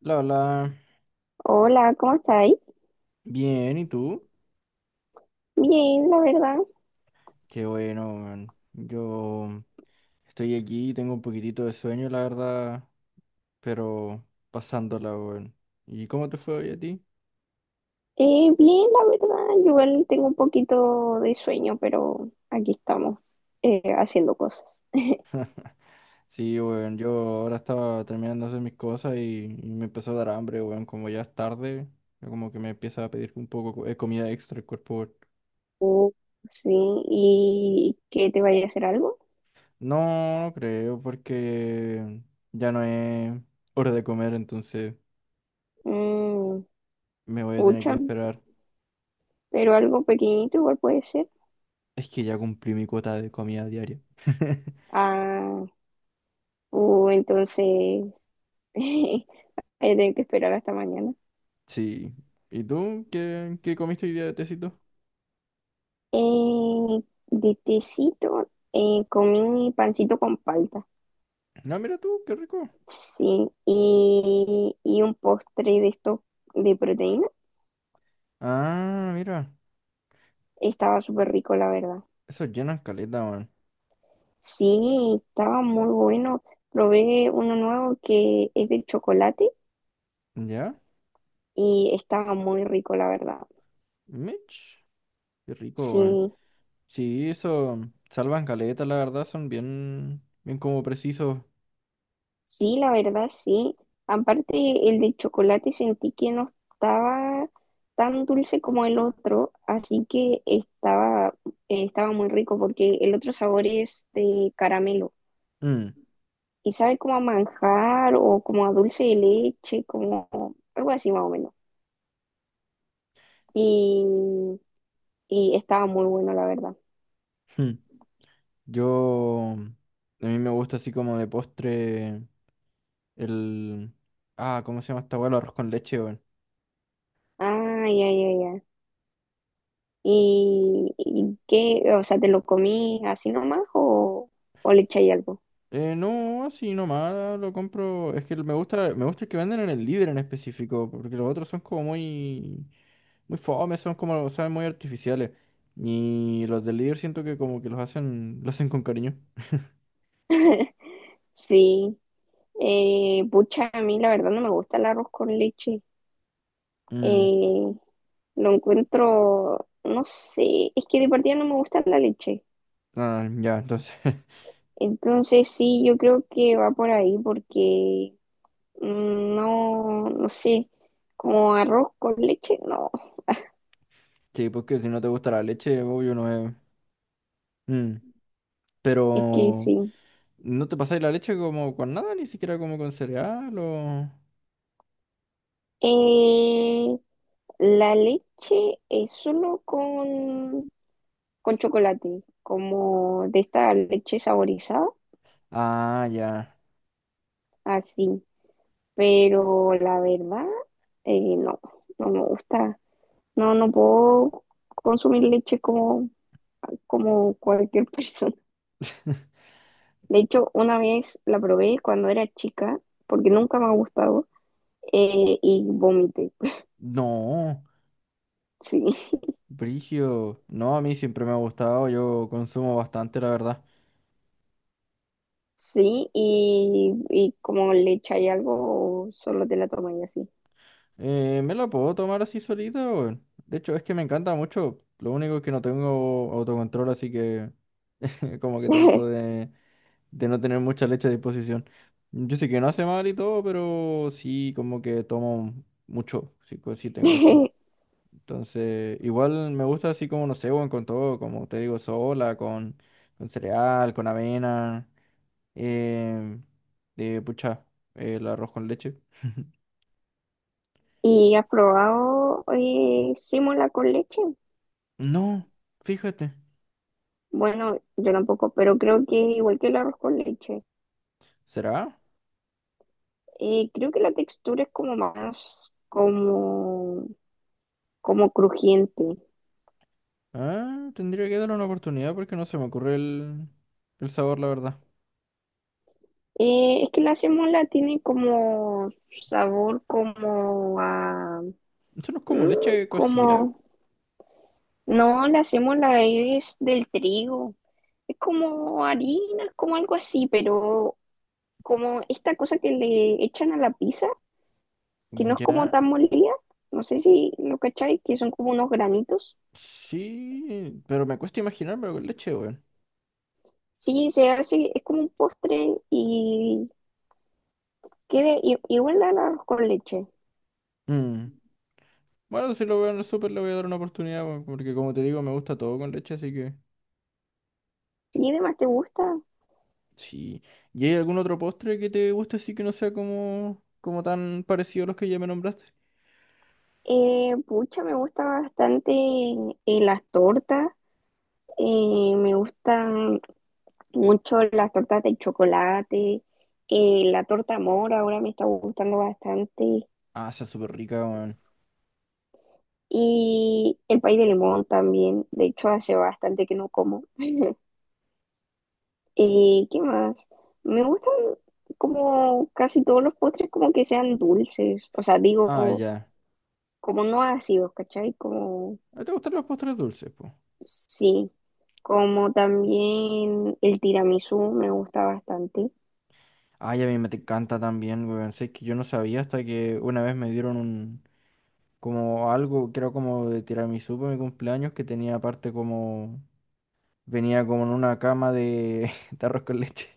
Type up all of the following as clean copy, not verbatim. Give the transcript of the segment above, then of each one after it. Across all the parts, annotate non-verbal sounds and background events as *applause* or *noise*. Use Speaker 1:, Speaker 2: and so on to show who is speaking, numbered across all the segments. Speaker 1: La, la,
Speaker 2: Hola, ¿cómo estáis?
Speaker 1: bien, ¿y tú?
Speaker 2: Bien, la verdad.
Speaker 1: Qué bueno, man. Yo estoy aquí, tengo un poquitito de sueño, la verdad, pero pasándola, weón. ¿Y cómo te fue hoy a ti?
Speaker 2: Bien, la verdad. Yo igual tengo un poquito de sueño, pero aquí estamos haciendo cosas.
Speaker 1: Sí, weón, yo ahora estaba terminando de hacer mis cosas y me empezó a dar hambre, weón, como ya es tarde, yo como que me empieza a pedir un poco de comida extra el cuerpo, weón.
Speaker 2: Uh, sí, ¿y qué te vaya a hacer algo?
Speaker 1: No, no creo, porque ya no es hora de comer, entonces
Speaker 2: Mm,
Speaker 1: me voy a tener que
Speaker 2: pucha,
Speaker 1: esperar.
Speaker 2: pero algo pequeñito igual puede ser.
Speaker 1: Es que ya cumplí mi cuota de comida diaria. *laughs*
Speaker 2: Ah, entonces *laughs* voy a tener que esperar hasta mañana.
Speaker 1: Sí. ¿Y tú qué comiste hoy día de tecito?
Speaker 2: Eh, de tecito, comí pancito con palta.
Speaker 1: No, mira tú, qué rico.
Speaker 2: Sí, y un postre de esto de proteína.
Speaker 1: Ah, mira.
Speaker 2: Estaba súper rico, la verdad.
Speaker 1: Eso llena caleta, weón.
Speaker 2: Sí, estaba muy bueno. Probé uno nuevo que es de chocolate
Speaker 1: ¿Ya?
Speaker 2: y estaba muy rico, la verdad.
Speaker 1: Mitch. Qué rico, weón.
Speaker 2: Sí,
Speaker 1: Sí, eso salvan caleta, la verdad, son bien, bien como precisos.
Speaker 2: sí, la verdad, sí. Aparte, el de chocolate sentí que no estaba tan dulce como el otro, así que estaba muy rico porque el otro sabor es de caramelo.
Speaker 1: Mm,
Speaker 2: Y sabe como a manjar o como a dulce de leche, como algo así más o menos. Y, y estaba muy bueno, la verdad.
Speaker 1: mm. Yo, a mí me gusta así como de postre el... Ah, ¿cómo se llama esta weá? El arroz con leche, weón.
Speaker 2: Ay, ay, ay, ay. Y qué? O sea, ¿te lo comí así nomás o le echáis algo?
Speaker 1: No, así nomás lo compro. Es que me gusta el que venden en el Líder en específico, porque los otros son como muy, muy fome, son como, saben, muy artificiales. Y los del Líder siento que como que los hacen, lo hacen con cariño. *laughs*
Speaker 2: *laughs* Sí. Pucha, a mí la verdad no me gusta el arroz con leche.
Speaker 1: Mm,
Speaker 2: Eh, lo encuentro, no sé, es que de partida no me gusta la leche.
Speaker 1: ah, ya, entonces. *laughs*
Speaker 2: Entonces sí, yo creo que va por ahí porque mm, no, no sé, como arroz con leche, no,
Speaker 1: Sí, porque si no te gusta la leche, obvio no es. Mm,
Speaker 2: es que
Speaker 1: pero
Speaker 2: sí.
Speaker 1: no te pasáis la leche como con nada, ni siquiera como con cereal o.
Speaker 2: Eh, la leche es solo con chocolate, como de esta leche saborizada,
Speaker 1: Ah, ya.
Speaker 2: así. Pero la verdad, no, no me gusta. No, no puedo consumir leche como cualquier *laughs* persona.
Speaker 1: *laughs*
Speaker 2: De hecho, una vez la probé cuando era chica, porque nunca me ha gustado, y vomité.
Speaker 1: No.
Speaker 2: Sí, *laughs*
Speaker 1: Brigio, no, a mí siempre me ha gustado, yo consumo bastante, la verdad.
Speaker 2: sí, y como le echáis algo, solo te la tomáis así.
Speaker 1: Me la puedo tomar así solita, weón. De hecho, es que me encanta mucho. Lo único es que no tengo autocontrol, así que *laughs* como que trato de no tener mucha leche a disposición. Yo sé que no hace mal y todo, pero sí como que tomo mucho, sí, co- sí tengo así.
Speaker 2: *laughs*
Speaker 1: Entonces, igual me gusta así como, no sé, weón, con todo, como te digo, sola, con cereal, con avena. Eh, de pucha, el arroz con leche.
Speaker 2: ¿Y has probado símola con leche?
Speaker 1: No, fíjate.
Speaker 2: Bueno, yo tampoco, pero creo que es igual que el arroz con leche.
Speaker 1: ¿Será?
Speaker 2: Creo que la textura es como más, como, como crujiente.
Speaker 1: Ah, tendría que darle una oportunidad porque no se me ocurre el sabor, la verdad.
Speaker 2: Es que la sémola tiene como sabor como a...
Speaker 1: ¿Eso no es
Speaker 2: Mm,
Speaker 1: como leche cocida?
Speaker 2: como... No, la sémola es del trigo. Es como harina, es como algo así, pero como esta cosa que le echan a la pizza, que no es como
Speaker 1: Ya.
Speaker 2: tan molida, no sé si lo cacháis, que son como unos granitos.
Speaker 1: Sí, pero me cuesta imaginármelo con leche, weón.
Speaker 2: Sí, se hace, es como un postre y queda igual al arroz con leche.
Speaker 1: Mm. Bueno, si lo veo en el súper le voy a dar una oportunidad, weón, porque como te digo, me gusta todo con leche, así que...
Speaker 2: ¿Y además te gusta?
Speaker 1: Sí. ¿Y hay algún otro postre que te guste así que no sea como, como tan parecido a los que ya me nombraste?
Speaker 2: Pucha, me gusta bastante las tortas, me gustan mucho las tortas de chocolate, la torta mora ahora me está gustando bastante.
Speaker 1: Ah, esa es súper rica, weón.
Speaker 2: Y el pay de limón también. De hecho, hace bastante que no como. Y ¿qué más? Me gustan como casi todos los postres como que sean dulces. O sea,
Speaker 1: Ah,
Speaker 2: digo,
Speaker 1: ya.
Speaker 2: como no ácidos, ¿cachai? Como,
Speaker 1: ¿A ti ¿Te gustan los postres dulces, pues?
Speaker 2: sí. Como también el tiramisú me gusta bastante.
Speaker 1: Ay, a mí me te encanta también, weón. Sé que yo no sabía hasta que una vez me dieron un... Como algo, creo como de tiramisú para mi cumpleaños, que tenía aparte como... Venía como en una cama de, *laughs* de arroz con leche.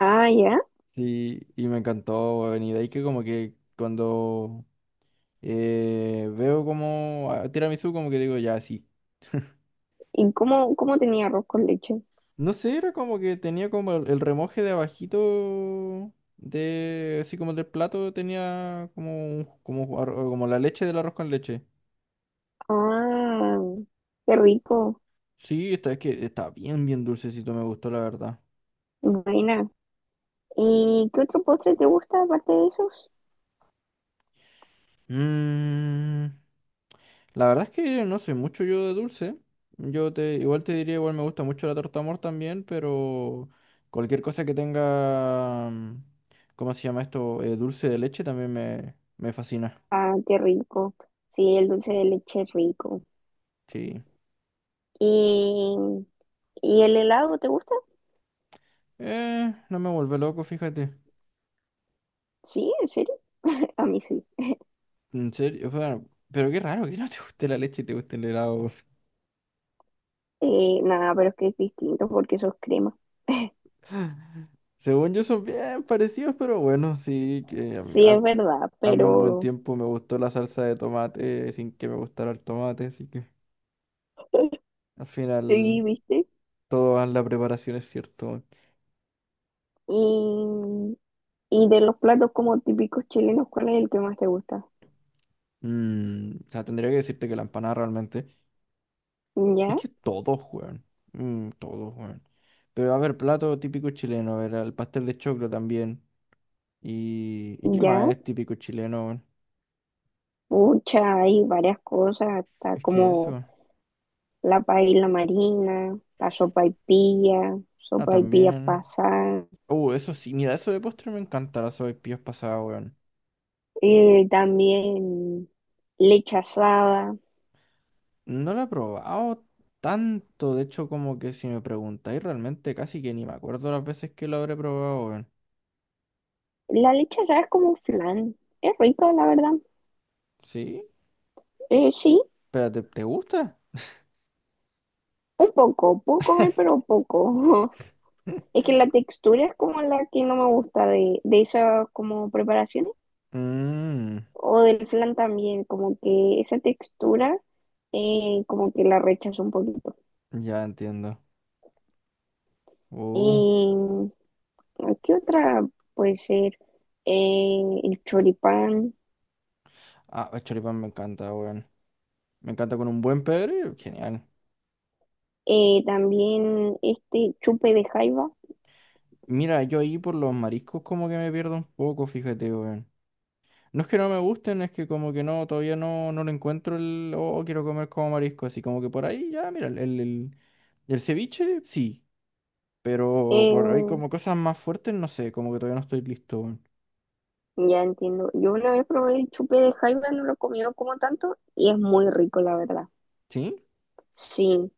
Speaker 2: Ah, ya.
Speaker 1: Y me encantó, weón. Y de ahí que como que cuando veo como a- tiramisú, como que digo, ya, sí.
Speaker 2: ¿Y cómo tenía arroz con leche?
Speaker 1: No sé, era como que tenía como el remoje de abajito de así como del plato tenía como un- como ar- como la leche del arroz con leche.
Speaker 2: Ah, qué rico.
Speaker 1: Sí, está, es que está bien bien dulcecito, me gustó la verdad.
Speaker 2: Buena. ¿Y qué otro postre te gusta aparte de esos?
Speaker 1: Mm, la verdad es que no soy mucho yo de dulce. Yo te igual te diría igual me gusta mucho la torta amor también, pero cualquier cosa que tenga mm, ¿cómo se llama esto? Dulce de leche también me fascina.
Speaker 2: Ah, qué rico. Sí, el dulce de leche es rico.
Speaker 1: Sí.
Speaker 2: ¿Y, ¿Y el helado te gusta?
Speaker 1: No me vuelve loco, fíjate.
Speaker 2: Sí, ¿en serio? *laughs* A mí sí.
Speaker 1: En serio, o sea, pero qué raro que no te guste la leche y te guste el helado.
Speaker 2: Nada, pero es que es distinto porque eso es crema. *laughs*
Speaker 1: *laughs* Según yo son bien parecidos, pero bueno, sí, que
Speaker 2: Sí, es verdad,
Speaker 1: a mí un buen
Speaker 2: pero
Speaker 1: tiempo me gustó la salsa de tomate sin que me gustara el tomate, así que
Speaker 2: *laughs*
Speaker 1: al final
Speaker 2: sí, ¿viste?
Speaker 1: toda la preparación es cierto.
Speaker 2: Y, y de los platos como típicos chilenos, ¿cuál es el que más te gusta?
Speaker 1: Mm, o sea, tendría que decirte que la empanada realmente es
Speaker 2: ¿Ya?
Speaker 1: que todos juegan, mm, todos juegan. Pero a ver, plato típico chileno, a ver, el pastel de choclo también. ¿Y qué
Speaker 2: ¿Ya?
Speaker 1: más es típico chileno? Weón?
Speaker 2: Pucha, hay varias cosas, hasta
Speaker 1: Es que
Speaker 2: como
Speaker 1: eso.
Speaker 2: la paella marina, la sopaipilla,
Speaker 1: Ah,
Speaker 2: sopaipilla
Speaker 1: también.
Speaker 2: pasada.
Speaker 1: Eso sí, mira, eso de postre me encanta, la sopaipillas pasada, weón.
Speaker 2: También leche asada.
Speaker 1: No la he probado tanto, de hecho, como que si me preguntáis, realmente casi que ni me acuerdo las veces que lo habré probado, weón.
Speaker 2: La leche asada es como un flan. Es rico, la verdad.
Speaker 1: ¿Sí?
Speaker 2: Sí,
Speaker 1: Espérate, ¿te gusta?
Speaker 2: un poco. Puedo comer, pero poco. *laughs*
Speaker 1: *laughs*
Speaker 2: Es que la textura es como la que no me gusta de esas como preparaciones.
Speaker 1: Mmm,
Speaker 2: O del flan también, como que esa textura como que la rechazo un poquito.
Speaker 1: ya entiendo. Uh,
Speaker 2: Y ¿qué otra puede ser? El choripán.
Speaker 1: ah, el choripán me encanta, weón. Me encanta con un buen pebre, genial.
Speaker 2: También este chupe de jaiba.
Speaker 1: Mira, yo ahí por los mariscos como que me pierdo un poco, fíjate, weón. No es que no me gusten, es que como que no, todavía no, no lo encuentro el, oh, quiero comer como marisco, así como que por ahí ya, mira, el ceviche, sí, pero por ahí
Speaker 2: eh,
Speaker 1: como cosas más fuertes, no sé, como que todavía no estoy listo, weón.
Speaker 2: Ya entiendo. Yo una vez probé el chupe de jaiba, no lo he comido como tanto y es muy rico, la verdad.
Speaker 1: ¿Sí?
Speaker 2: Sí,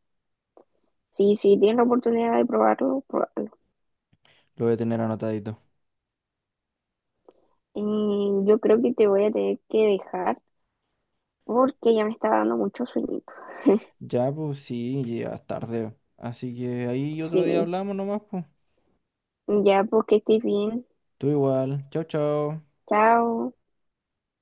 Speaker 2: sí, sí, tienes la oportunidad de probarlo, probarlo.
Speaker 1: Lo voy a tener anotadito.
Speaker 2: Y yo creo que te voy a tener que dejar porque ya me está dando mucho sueñito. *laughs*
Speaker 1: Ya, pues sí, llegas tarde, así que ahí otro día
Speaker 2: Sí,
Speaker 1: hablamos nomás, pues.
Speaker 2: ya, porque estés bien.
Speaker 1: Tú igual, chao, chao.
Speaker 2: Chao.